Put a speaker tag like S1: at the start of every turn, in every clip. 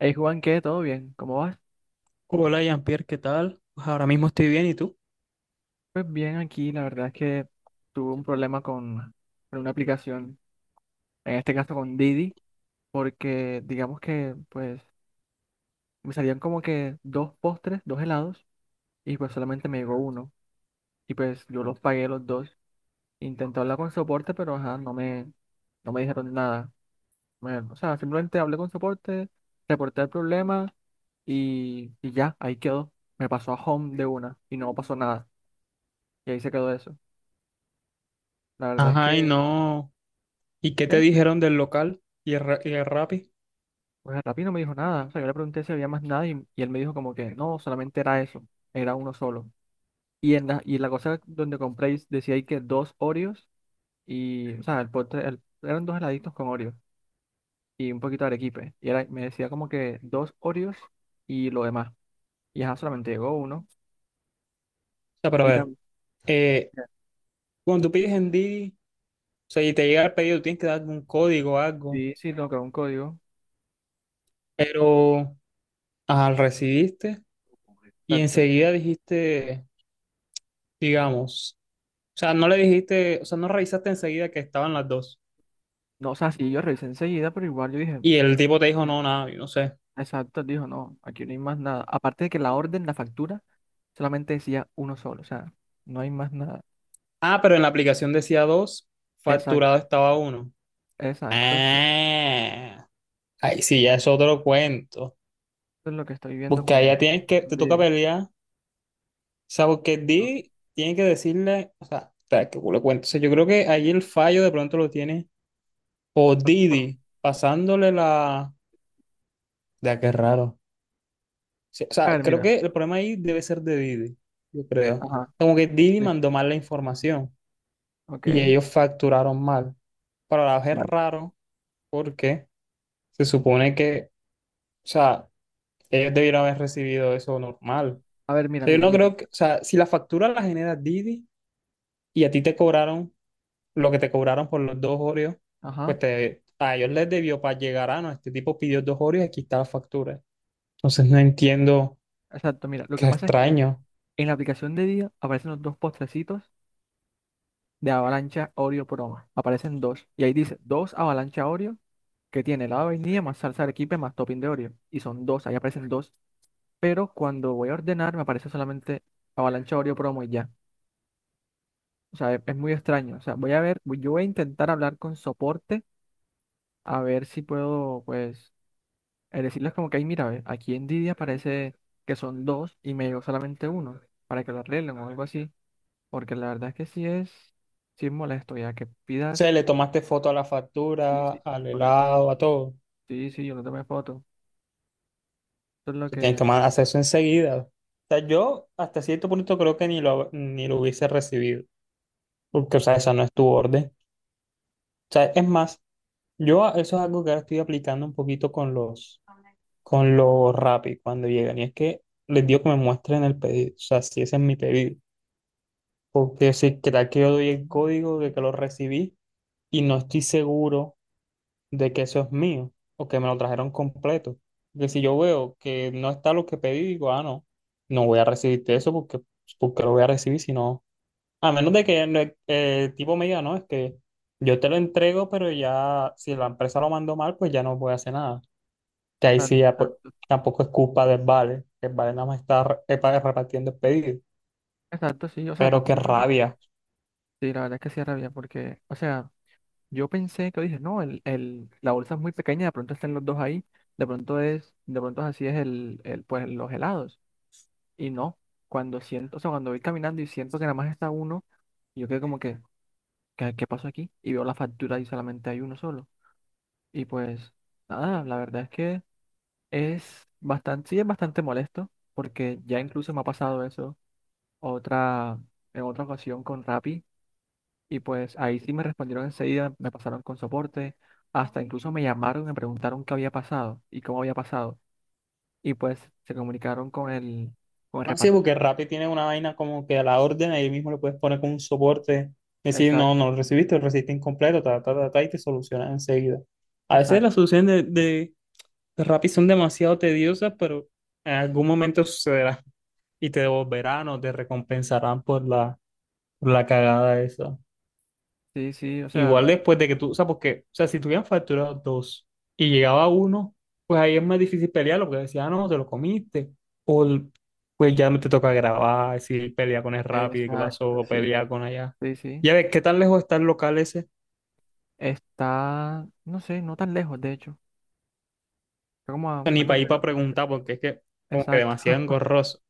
S1: Hey Juan, ¿qué? ¿Todo bien? ¿Cómo vas?
S2: Hola Jean-Pierre, ¿qué tal? Pues ahora mismo estoy bien, ¿y tú?
S1: Pues bien, aquí la verdad es que tuve un problema con una aplicación, en este caso con Didi, porque digamos que pues me salían como que dos postres, dos helados, y pues solamente me llegó uno, y pues yo los pagué los dos. Intenté hablar con soporte, pero ajá, no me dijeron nada. O sea, simplemente hablé con soporte, reporté el problema y ya, ahí quedó. Me pasó a Home de una y no pasó nada, y ahí se quedó eso. La verdad es
S2: Ajá, y
S1: que
S2: no. ¿Y qué te
S1: ¿qué?
S2: dijeron del local y el, y el Rappi?
S1: Pues el Rappi no me dijo nada. O sea, yo le pregunté si había más nada y él me dijo como que no, solamente era eso, era uno solo. Y la cosa donde compré decía ahí que dos Oreos y, o sea, eran dos heladitos con Oreos y un poquito de arequipe. Y era, me decía como que dos Oreos y lo demás. Y ajá, solamente llegó uno.
S2: O sea, pero a
S1: Y
S2: ver,
S1: también,
S2: eh, cuando tú pides en Didi, o sea, y te llega el pedido, tienes que dar un código o algo,
S1: sí, sí, tengo que un código.
S2: pero ajá, lo recibiste y
S1: Exacto.
S2: enseguida dijiste, digamos, o sea, no le dijiste, o sea, no revisaste enseguida que estaban las dos.
S1: No, o sea, sí, yo revisé enseguida, pero igual yo dije,
S2: Y el tipo
S1: ¿por
S2: te dijo,
S1: qué?
S2: no, nada, yo no sé.
S1: Exacto, él dijo, no, aquí no hay más nada. Aparte de que la orden, la factura solamente decía uno solo, o sea, no hay más nada.
S2: Ah, pero en la aplicación decía dos,
S1: Exacto,
S2: facturado estaba uno.
S1: exacto. Eso
S2: Ah. Ay, sí, ya es otro cuento.
S1: es lo que estoy viendo
S2: Porque allá
S1: con
S2: tienes que, te toca
S1: Reading.
S2: pelear. O sea, porque
S1: ¿No?
S2: Didi tiene que decirle, o sea, espera, que culo cuento. O sea, yo creo que ahí el fallo de pronto lo tiene. O
S1: Forma.
S2: Didi, pasándole la. Ya, qué raro. Sí, o
S1: A
S2: sea,
S1: ver,
S2: creo
S1: mira.
S2: que el problema ahí debe ser de Didi, yo creo.
S1: Ajá,
S2: Como que Didi
S1: listo.
S2: mandó mal la información y
S1: Ok,
S2: ellos facturaron mal. Para la vez es
S1: vale.
S2: raro porque se supone que, o sea, ellos debieron haber recibido eso normal.
S1: A ver,
S2: O
S1: mira,
S2: sea, yo
S1: mira,
S2: no
S1: mira.
S2: creo que, o sea, si la factura la genera Didi y a ti te cobraron lo que te cobraron por los dos Oreos,
S1: Ajá,
S2: pues te, a ellos les debió para llegar a, no, este tipo pidió dos Oreos y aquí está la factura. Entonces no entiendo,
S1: exacto, mira. Lo
S2: qué
S1: que pasa es que, mira,
S2: extraño.
S1: en la aplicación de día aparecen los dos postrecitos de Avalancha Oreo Promo. Aparecen dos. Y ahí dice, dos Avalancha Oreo que tiene helado de vainilla más salsa de arequipe más topping de Oreo. Y son dos, ahí aparecen dos. Pero cuando voy a ordenar me aparece solamente Avalancha Oreo Promo y ya. O sea, es muy extraño. O sea, voy a ver, voy- yo voy a intentar hablar con soporte a ver si puedo, pues, decirles como que, ay, mira, ve, aquí en Didi parece que son dos y me llegó solamente uno para que lo arreglen o algo así. Porque la verdad es que sí es molesto ya que
S2: O
S1: pidas.
S2: sea, le tomaste foto a la
S1: Sí,
S2: factura,
S1: sí,
S2: al
S1: por eso.
S2: helado, a todo. O
S1: Sí, sí, yo no tomé foto. Eso es lo
S2: sea,
S1: que...
S2: tienes que hacer eso enseguida. O sea, yo hasta cierto punto creo que ni lo hubiese recibido, porque, o sea, esa no es tu orden. O sea, es más, yo eso es algo que ahora estoy aplicando un poquito con lo Rappi cuando llegan. Y es que les digo que me muestren el pedido, o sea, si ese es mi pedido. Porque si tal que yo doy el código de que lo recibí y no estoy seguro de que eso es mío o que me lo trajeron completo. Porque si yo veo que no está lo que pedí, digo, ah, no, no voy a recibirte eso porque, porque lo voy a recibir, sino, a menos de que el tipo me diga, no, es que yo te lo entrego, pero ya si la empresa lo mandó mal, pues ya no voy a hacer nada que ahí sí
S1: Exacto,
S2: ya, pues,
S1: exacto,
S2: tampoco es culpa del Vale, que el Vale nada más está repartiendo el pedido,
S1: exacto, sí. O sea,
S2: pero qué
S1: tampoco, tampoco.
S2: rabia.
S1: Sí, la verdad es que sí rabia porque, o sea, yo pensé que dije, no, la bolsa es muy pequeña, de pronto están los dos ahí, de pronto así es pues los helados. Y no, cuando siento, o sea, cuando voy caminando y siento que nada más está uno, yo quedo como que, ¿qué pasó aquí? Y veo la factura y solamente hay uno solo. Y pues, nada, la verdad es que es bastante, sí es bastante molesto, porque ya incluso me ha pasado eso otra, en otra ocasión con Rappi. Y pues ahí sí me respondieron enseguida, me pasaron con soporte, hasta incluso me llamaron y me preguntaron qué había pasado y cómo había pasado. Y pues se comunicaron con el
S2: Así
S1: reparto.
S2: porque Rappi tiene una vaina como que a la orden ahí mismo le puedes poner como un soporte, decir, no,
S1: Exacto,
S2: no lo recibiste, lo recibiste incompleto, ta, ta, ta, ta, y te solucionan enseguida. A veces
S1: exacto,
S2: las soluciones de, de, de Rappi son demasiado tediosas, pero en algún momento sucederá y te devolverán o te recompensarán por la cagada esa.
S1: sí, sí, o sea,
S2: Igual después de que tú, o sea, porque, o sea, si tuvieran facturado dos y llegaba uno, pues ahí es más difícil pelearlo, porque decía, ah, no, te lo comiste, o el- pues ya no te toca grabar, decir, pelea con el Rappi, qué
S1: exacto,
S2: pasó,
S1: sí,
S2: pelea con allá.
S1: sí, sí.
S2: Ya ves, ¿qué tan lejos está el local ese? O
S1: Está, no sé, no tan lejos, de hecho. Está como a
S2: sea, ni para
S1: menos de
S2: ir para
S1: 2 kilómetros.
S2: preguntar, porque es que como que
S1: Exacto,
S2: demasiado engorroso.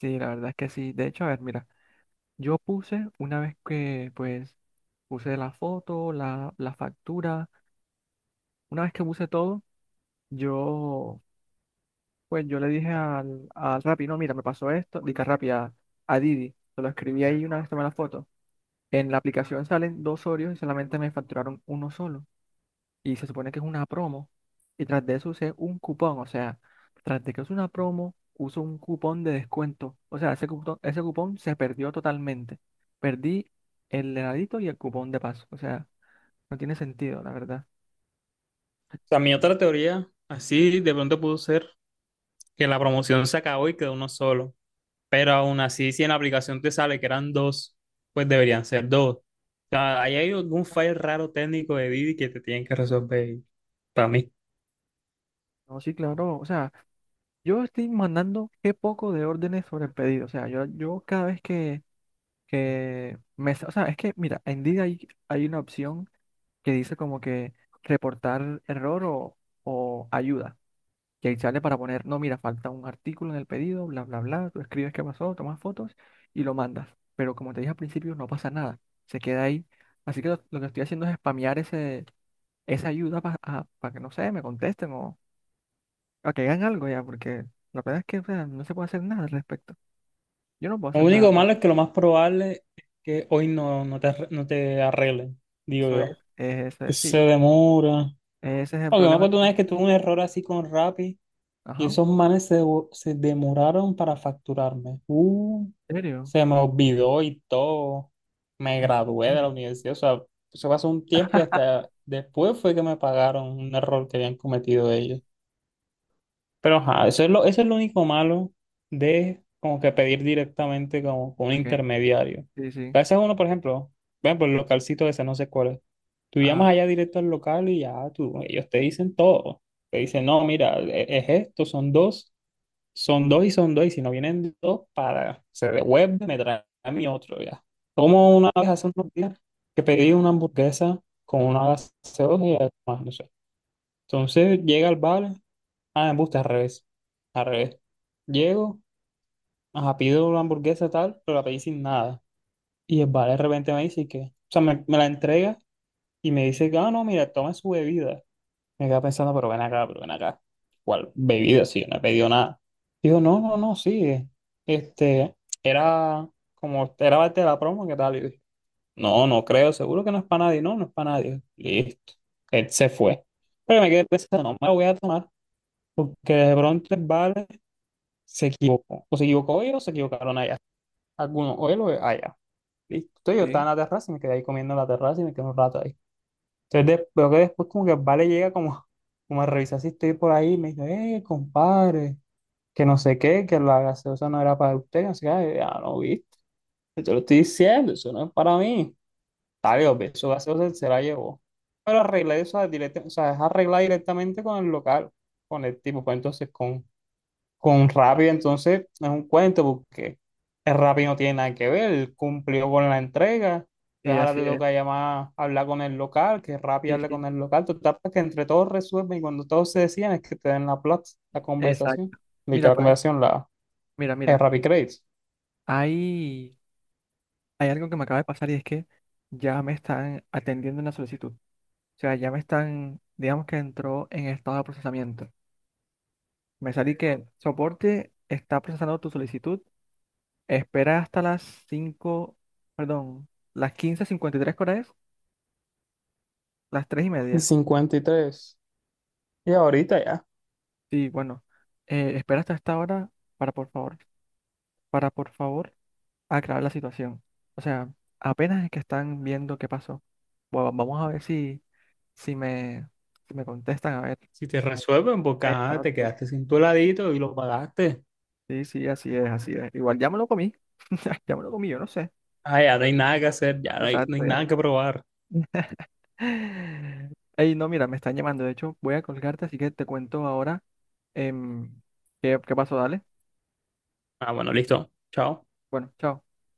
S1: sí, la verdad es que sí. De hecho, a ver, mira, yo puse una vez que, pues, puse la foto, la factura, una vez que puse todo, yo... Pues yo le dije al Rappi, no, mira, me pasó esto, dije a Rappi, a Didi, se lo escribí ahí una vez tomé la foto. En la aplicación salen dos Oreos y solamente me facturaron uno solo. Y se supone que es una promo. Y tras de eso usé un cupón, o sea, tras de que es una promo, uso un cupón de descuento. O sea, ese cupón se perdió totalmente. Perdí el heladito y el cupón de paso. O sea, no tiene sentido, la verdad.
S2: O sea, mi otra teoría, así de pronto pudo ser que la promoción se acabó y quedó uno solo. Pero aún así, si en la aplicación te sale que eran dos, pues deberían ser dos. O sea, ahí hay algún file raro técnico de Didi que te tienen que resolver para mí.
S1: No, sí, claro, o sea, yo estoy mandando qué poco de órdenes sobre el pedido. O sea, yo cada vez que me... O sea, es que, mira, en Didi hay una opción que dice como que reportar error o, o ayuda. Y ahí sale para poner, no, mira, falta un artículo en el pedido, bla, bla, bla. Tú escribes qué pasó, tomas fotos y lo mandas. Pero como te dije al principio, no pasa nada. Se queda ahí. Así que lo que estoy haciendo es spamear esa ayuda para que, no sé, me contesten o a que hagan algo ya, porque la verdad es que o sea, no se puede hacer nada al respecto. Yo no puedo
S2: Lo
S1: hacer nada al
S2: único malo es
S1: respecto.
S2: que lo más probable es que hoy no, no te, no te arreglen, digo
S1: Eso
S2: yo.
S1: es- eso
S2: Que
S1: es-
S2: se
S1: sí,
S2: demora.
S1: ese es el
S2: Aunque me
S1: problema
S2: acuerdo una
S1: también.
S2: vez que tuve un error así con Rappi. Y
S1: Ajá,
S2: esos manes se, se demoraron para facturarme.
S1: ¿en serio?
S2: Se me olvidó y todo. Me
S1: ¿En
S2: gradué de la
S1: serio?
S2: universidad. O sea, eso pasó un tiempo y hasta después fue que me pagaron un error que habían cometido ellos. Pero ajá, eso es lo único malo de como que pedir directamente como con un
S1: Ok,
S2: intermediario.
S1: sí,
S2: A
S1: sí,
S2: veces uno, por ejemplo, ven por el localcito ese, no sé cuál es. Tú
S1: ajá,
S2: llamas allá directo al local y ya tú, ellos te dicen todo. Te dicen, no, mira, es esto, son dos. Son dos, y si no vienen dos, para, se devuelve, me trae a mí otro ya. Como una vez hace unos días que pedí una hamburguesa con una gaseosa y algo más, no sé. Entonces llega al bar, ah, me gusta al revés, al revés. Llego, ajá, pido una hamburguesa tal, pero la pedí sin nada. Y el bar de repente me dice que, o sea, me la entrega y me dice, ah, no, mira, toma su bebida. Me quedaba pensando, pero ven acá, pero ven acá. ¿Cuál bebida? Sí, yo no he pedido nada. Digo, no, no, no, sí. Este, era como, era parte de la promo, ¿qué tal? Y dije, no, no creo, seguro que no es para nadie. No, no es para nadie. Listo. Él se fue. Pero me quedé pensando, no me la voy a tomar, porque de pronto el vale se equivocó. O se equivocó ellos o se equivocaron allá. Algunos, o él o allá. Listo. Entonces yo estaba
S1: sí,
S2: en la terraza y me quedé ahí comiendo en la terraza y me quedé un rato ahí. Entonces veo que después como que vale llega como, como a revisar si estoy por ahí y me dice, compadre, que no sé qué, que la gaseosa no era para usted, que no sé qué, ya no viste, yo te lo estoy diciendo, eso no es para mí. Está bien, obvio, su gaseosa se la llevó. Pero arreglé eso, o sea, es arreglar directamente con el local, con el tipo, pues entonces con Rappi entonces es un cuento porque el Rappi no tiene nada que ver, él cumplió con la entrega,
S1: sí,
S2: entonces ahora
S1: así
S2: te
S1: es,
S2: toca llamar, hablar con el local, que Rappi
S1: sí,
S2: hable
S1: sí,
S2: con el local, total para que entre todos resuelven y cuando todos se decían es que te den la plata, la conversación,
S1: exacto. Mira,
S2: literal la
S1: por ejemplo,
S2: conversación, la,
S1: mira,
S2: el
S1: mira,
S2: Rappi Credits.
S1: hay, hay algo que me acaba de pasar y es que ya me están atendiendo una solicitud. O sea, ya me están, digamos que entró en estado de procesamiento. Me salí que soporte está procesando tu solicitud. Espera hasta las 5, perdón, las 15:53, ¿cuál es? Las 3 y
S2: Y
S1: media.
S2: 53. Y tres. Y ahorita ya.
S1: Sí, bueno, espera hasta esta hora para por favor, para por favor aclarar la situación. O sea, apenas es que están viendo qué pasó. Bueno, vamos a ver si, si me, si me contestan, a ver.
S2: Si te resuelven, porque ajá, te
S1: Exacto.
S2: quedaste sin tu heladito y lo pagaste.
S1: Sí, sí, así es, así es. Igual ya me lo comí. Ya me lo comí, yo no sé.
S2: Ah, ya no hay nada que hacer, ya no hay, no hay
S1: Exacto,
S2: nada
S1: ya.
S2: que probar.
S1: Ey, no, mira, me están llamando. De hecho, voy a colgarte, así que te cuento ahora em, qué pasó. Dale.
S2: Ah, bueno, listo. Chao.
S1: Bueno, chao.